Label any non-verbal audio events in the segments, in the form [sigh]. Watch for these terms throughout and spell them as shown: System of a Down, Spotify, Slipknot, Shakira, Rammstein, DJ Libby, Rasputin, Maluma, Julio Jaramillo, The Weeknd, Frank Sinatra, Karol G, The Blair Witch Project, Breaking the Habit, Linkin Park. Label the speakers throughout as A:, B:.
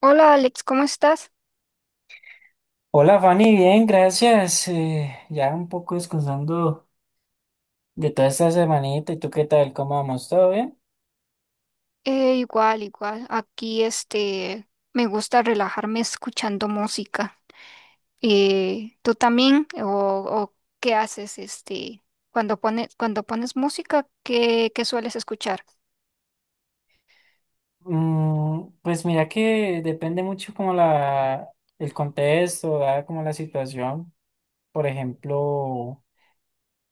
A: Hola Alex, ¿cómo estás?
B: Hola Fanny, bien, gracias. Ya un poco descansando de toda esta semanita. ¿Y tú qué tal? ¿Cómo vamos? ¿Todo bien?
A: Igual, igual. Aquí me gusta relajarme escuchando música. ¿Tú también? ¿O qué haces cuando pones música? ¿Qué sueles escuchar?
B: Pues mira que depende mucho como el contexto, ¿verdad? Como la situación. Por ejemplo.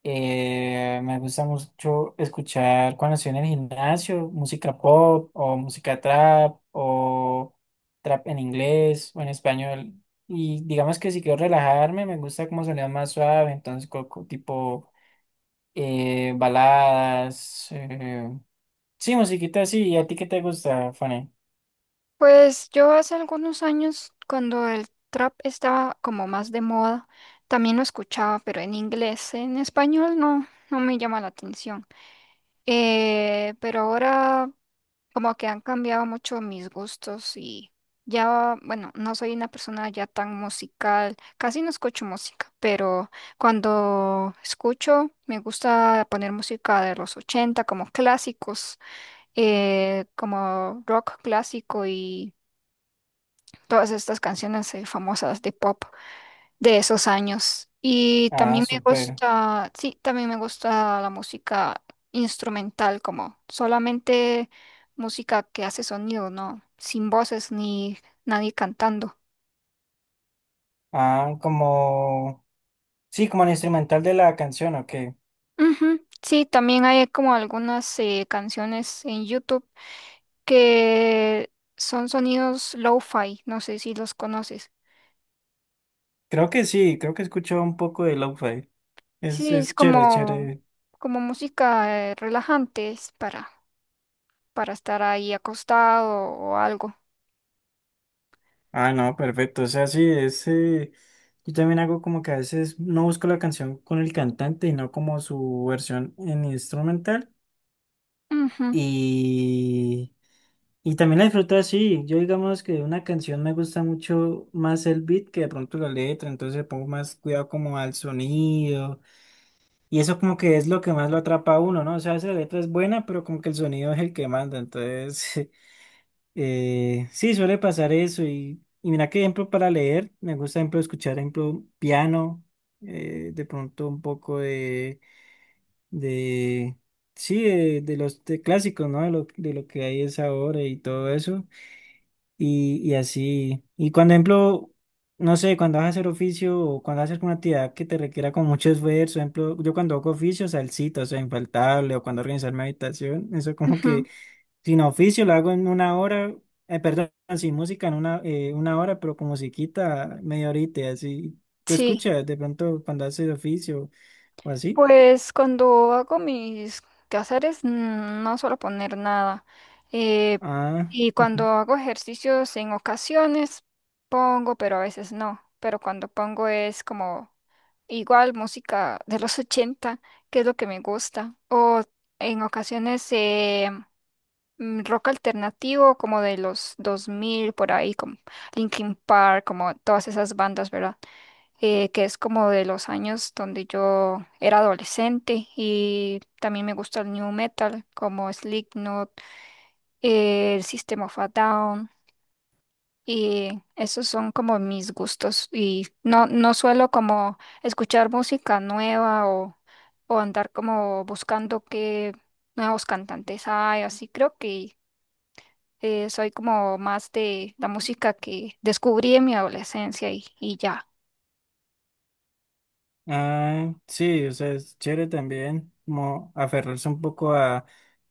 B: Me gusta mucho escuchar cuando estoy en el gimnasio, música pop o música trap o trap en inglés o en español. Y digamos que si quiero relajarme, me gusta como sonido más suave, entonces tipo baladas. Sí, musiquita así. ¿Y a ti qué te gusta, Fanny?
A: Pues yo hace algunos años, cuando el trap estaba como más de moda, también lo escuchaba, pero en inglés. En español no, no me llama la atención. Pero ahora como que han cambiado mucho mis gustos y ya, bueno, no soy una persona ya tan musical, casi no escucho música, pero cuando escucho me gusta poner música de los 80 como clásicos, como rock clásico y todas estas canciones famosas de pop de esos años. Y
B: Ah,
A: también me
B: súper.
A: gusta, sí, también me gusta la música instrumental, como solamente música que hace sonido, ¿no? Sin voces ni nadie cantando.
B: Ah, como... Sí, como el instrumental de la canción, ¿o qué?
A: Ujú. Sí, también hay como algunas canciones en YouTube que son sonidos lo-fi, no sé si los conoces.
B: Creo que sí, creo que escucho un poco de lo-fi. Es,
A: Sí, es
B: es chévere,
A: como,
B: chévere.
A: como música relajante, es para estar ahí acostado o algo.
B: Ah, no, perfecto. O sea, sí, es, yo también hago como que a veces no busco la canción con el cantante y no como su versión en instrumental.
A: Ujú.
B: Y, y también la disfruto así. Yo digamos que una canción me gusta mucho más el beat que de pronto la letra, entonces pongo más cuidado como al sonido. Y eso como que es lo que más lo atrapa a uno, ¿no? O sea, a veces la letra es buena, pero como que el sonido es el que manda. Entonces, [laughs] sí, suele pasar eso. Y mira que ejemplo para leer, me gusta ejemplo escuchar ejemplo piano, de pronto un poco de sí, de los de clásicos, ¿no? De de lo que hay es ahora y todo eso. Y así. Y cuando ejemplo, no sé, cuando vas a hacer oficio o cuando haces una actividad que te requiera con mucho esfuerzo, ejemplo, yo cuando hago oficio, salsita, o sea, infaltable, o cuando organizar mi habitación, eso como
A: Ujú.
B: que sin oficio lo hago en una hora, perdón, sin música en una hora, pero con musiquita media horita, así. ¿Tú
A: Sí,
B: escuchas de pronto cuando haces oficio o así?
A: pues cuando hago mis quehaceres no suelo poner nada. Eh,
B: Ah,
A: y cuando
B: ujú.
A: hago ejercicios en ocasiones pongo, pero a veces no. Pero cuando pongo es como igual música de los [laughs] 80, que es lo que me gusta. O en ocasiones rock alternativo como de los 2000 por ahí, como Linkin Park, como todas esas bandas, ¿verdad? Que es como de los años donde yo era adolescente, y también me gusta el new metal como Slipknot, el System of a Down, y esos son como mis gustos. Y no, no suelo como escuchar música nueva, o andar como buscando qué nuevos cantantes hay. Así creo que soy como más de la música que descubrí en mi adolescencia, y ya.
B: Ah, sí, o sea, es chévere también, como aferrarse un poco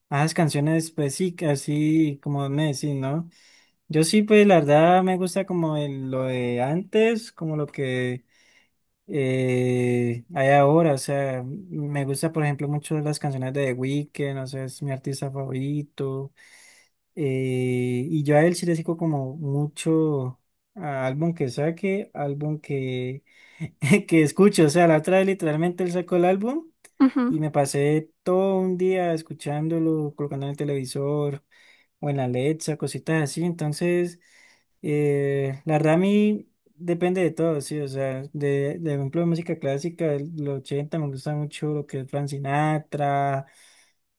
B: a esas canciones, pues sí, que así como me decís, ¿no? Yo sí, pues la verdad me gusta como lo de antes, como lo que hay ahora, o sea, me gusta, por ejemplo, mucho las canciones de The Weeknd, o sea, es mi artista favorito. Y yo a él sí le sigo como mucho a álbum que saque, [laughs] que escucho, o sea, la otra vez literalmente él sacó el álbum
A: Ujú,
B: y me pasé todo un día escuchándolo, colocando en el televisor o en la Alexa, cositas así. Entonces, la verdad a mí depende de todo, sí, o sea, de ejemplo de música clásica, de los 80 me gusta mucho lo que es Frank Sinatra.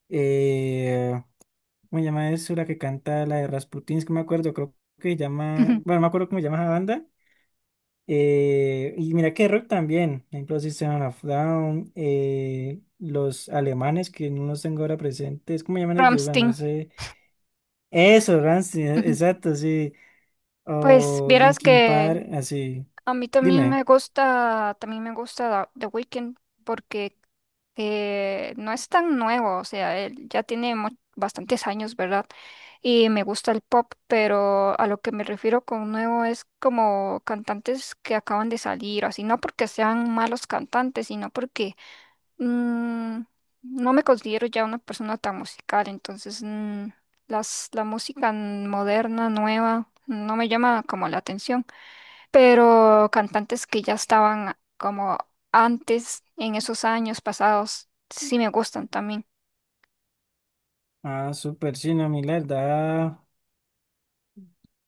B: eh, ¿Cómo se llama eso? La que canta la de Rasputin, es que no me acuerdo, creo que se llama,
A: ujú.
B: bueno, no me acuerdo cómo se llama esa banda. Y mira que rock también, por ejemplo, System of a Down, los alemanes que no los tengo ahora presentes, ¿cómo llaman ellos? Bueno, no
A: Rammstein.
B: sé. Eso, Rammstein,
A: Ujú.
B: exacto, sí.
A: Pues
B: O
A: vieras
B: Linkin
A: que
B: Park, así.
A: a mí también
B: Dime.
A: me gusta, The Weeknd porque no es tan nuevo, o sea, él ya tiene bastantes años, ¿verdad? Y me gusta el pop, pero a lo que me refiero con nuevo es como cantantes que acaban de salir, así, no porque sean malos cantantes, sino porque mm, no me considero ya una persona tan musical, entonces la música moderna, nueva, no me llama como la atención, pero cantantes que ya estaban como antes, en esos años pasados, sí me gustan también.
B: Ah, súper, sí, no, a mí la verdad,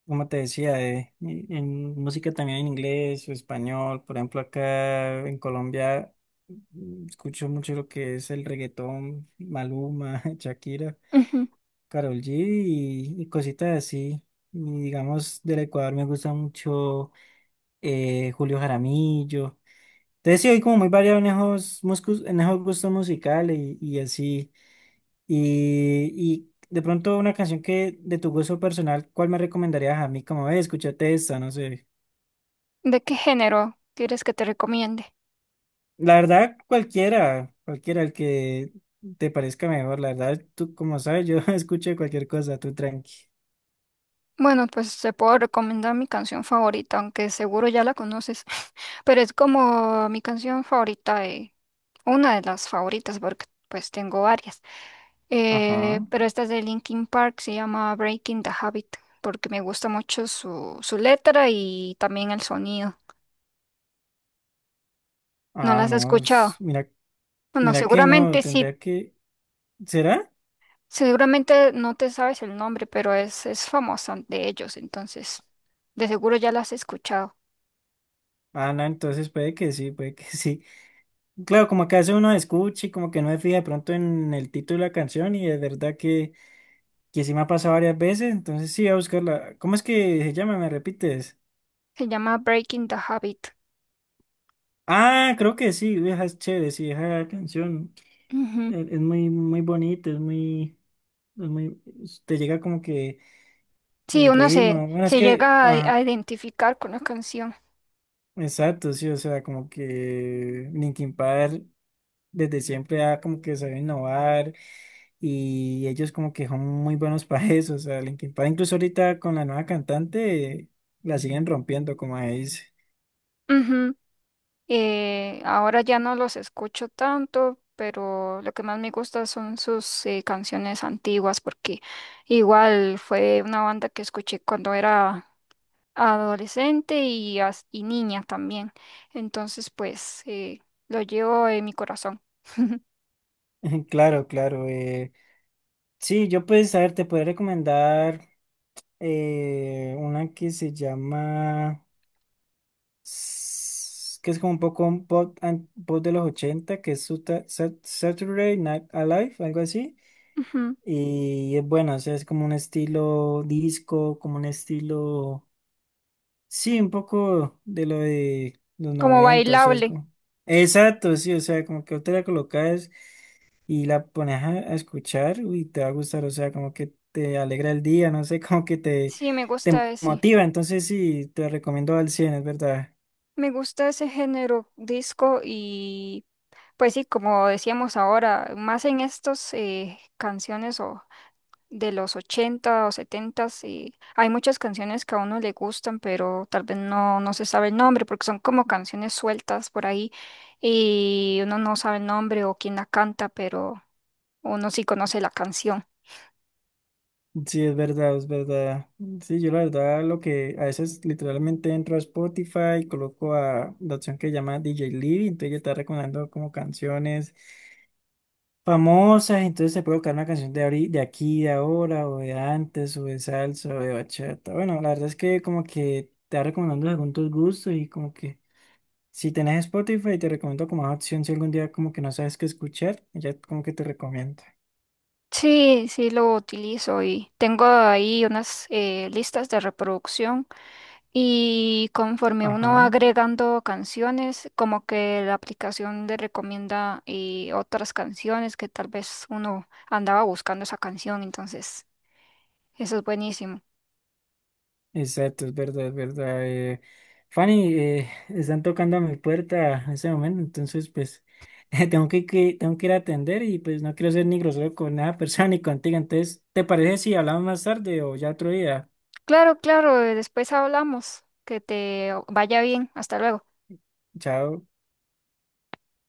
B: como te decía, en música también en inglés o español, por ejemplo, acá en Colombia escucho mucho lo que es el reggaetón, Maluma, [laughs] Shakira,
A: Ujú.
B: Karol G y cositas así. Y digamos, del Ecuador me gusta mucho Julio Jaramillo. Entonces sí, hay como muy variado en esos, en esos gustos musicales y así. Y de pronto una canción que de tu gusto personal, ¿cuál me recomendarías a mí? Como, escúchate esta, no sé.
A: ¿De qué género quieres que te recomiende?
B: La verdad, cualquiera, cualquiera, el que te parezca mejor. La verdad, tú, como sabes, yo [laughs] escucho cualquier cosa, tú tranqui.
A: Bueno, pues te puedo recomendar mi canción favorita, aunque seguro ya la conoces, [laughs] pero es como mi canción favorita, una de las favoritas, porque pues tengo varias.
B: Ajá.
A: Pero esta es de Linkin Park, se llama Breaking the Habit, porque me gusta mucho su letra y también el sonido. ¿No
B: Ah,
A: las has
B: no,
A: escuchado?
B: mira,
A: Bueno,
B: mira que no,
A: seguramente sí,
B: tendría que. ¿Será?
A: seguramente no te sabes el nombre, pero es famosa de ellos, entonces de seguro ya la has escuchado.
B: Ah, no, entonces puede que sí, puede que [laughs] sí. Claro, como que hace uno escucha y como que no se fija de pronto en el título de la canción y es verdad que sí me ha pasado varias veces, entonces sí, voy a buscarla. ¿Cómo es que se llama? ¿Me repites?
A: Se llama Breaking the Habit.
B: Ah, creo que sí, vieja es chévere, sí, esa canción
A: Ujú.
B: es muy, muy bonita, es muy, te llega como que
A: Sí,
B: el
A: uno se,
B: ritmo, bueno, es
A: se
B: que,
A: llega a
B: ajá,
A: identificar con la canción.
B: exacto, sí, o sea, como que Linkin Park desde siempre ha como que sabe innovar y ellos como que son muy buenos [laughs] para eso, o sea, Linkin Park incluso ahorita con la nueva cantante la siguen rompiendo, como ahí dice.
A: Ujú. Ahora ya no los escucho tanto, pero lo que más me gusta son sus canciones antiguas, porque igual fue una banda que escuché cuando era adolescente y, y niña también. Entonces, pues lo llevo en mi corazón. [laughs]
B: [laughs] Claro, claro. Sí, yo pues, a ver, te podría recomendar una que se llama, que es como un poco un pop, pop de los 80, que es Saturday Night Alive, algo así.
A: Ujú.
B: Y es bueno, o sea, es como un estilo disco, como un estilo, sí, un poco de lo de los
A: Como
B: 90. O sea, es
A: bailable.
B: como... Exacto, sí, o sea, como que otra la colocas. Y la pones a escuchar y te va a gustar, o sea, como que te alegra el día, no sé, [laughs]
A: Sí, me
B: te
A: gusta ese.
B: motiva, entonces sí, te recomiendo al 100
A: Me gusta ese género disco y pues sí, como decíamos ahora, más en estos canciones o de los 80 o 70, y hay muchas canciones que a uno le gustan, pero tal vez no, no se sabe el nombre, porque son como canciones sueltas por ahí y uno no sabe el nombre o quién la canta, pero uno sí conoce la canción.
B: es verdad, sí, yo la verdad lo que a veces literalmente entro a Spotify, coloco a la opción que llama DJ Libby, entonces ya está recomendando como canciones famosas, entonces te puede buscar una canción de aquí, de ahora, o de antes, o de salsa, o de bachata. Bueno, la verdad es que como que te va recomendando según tus gustos y como que si tenés Spotify, te recomiendo como una opción si algún día como que no sabes qué escuchar, ya como que te recomiendo.
A: Sí, sí lo utilizo y tengo ahí unas listas de reproducción. Y conforme uno va
B: Ajá,
A: agregando canciones, como que la aplicación le recomienda otras canciones que tal vez uno andaba buscando esa canción, entonces eso es buenísimo.
B: exacto, es verdad, es verdad. Fanny, están tocando a mi puerta en ese momento, entonces pues [laughs] tengo tengo que ir a atender y pues no quiero ser ni grosero con nada [laughs] persona ni contigo. Entonces, ¿te parece si hablamos más tarde o ya otro día?
A: Claro, claro, después hablamos. Que te vaya bien. Hasta luego.
B: Chao.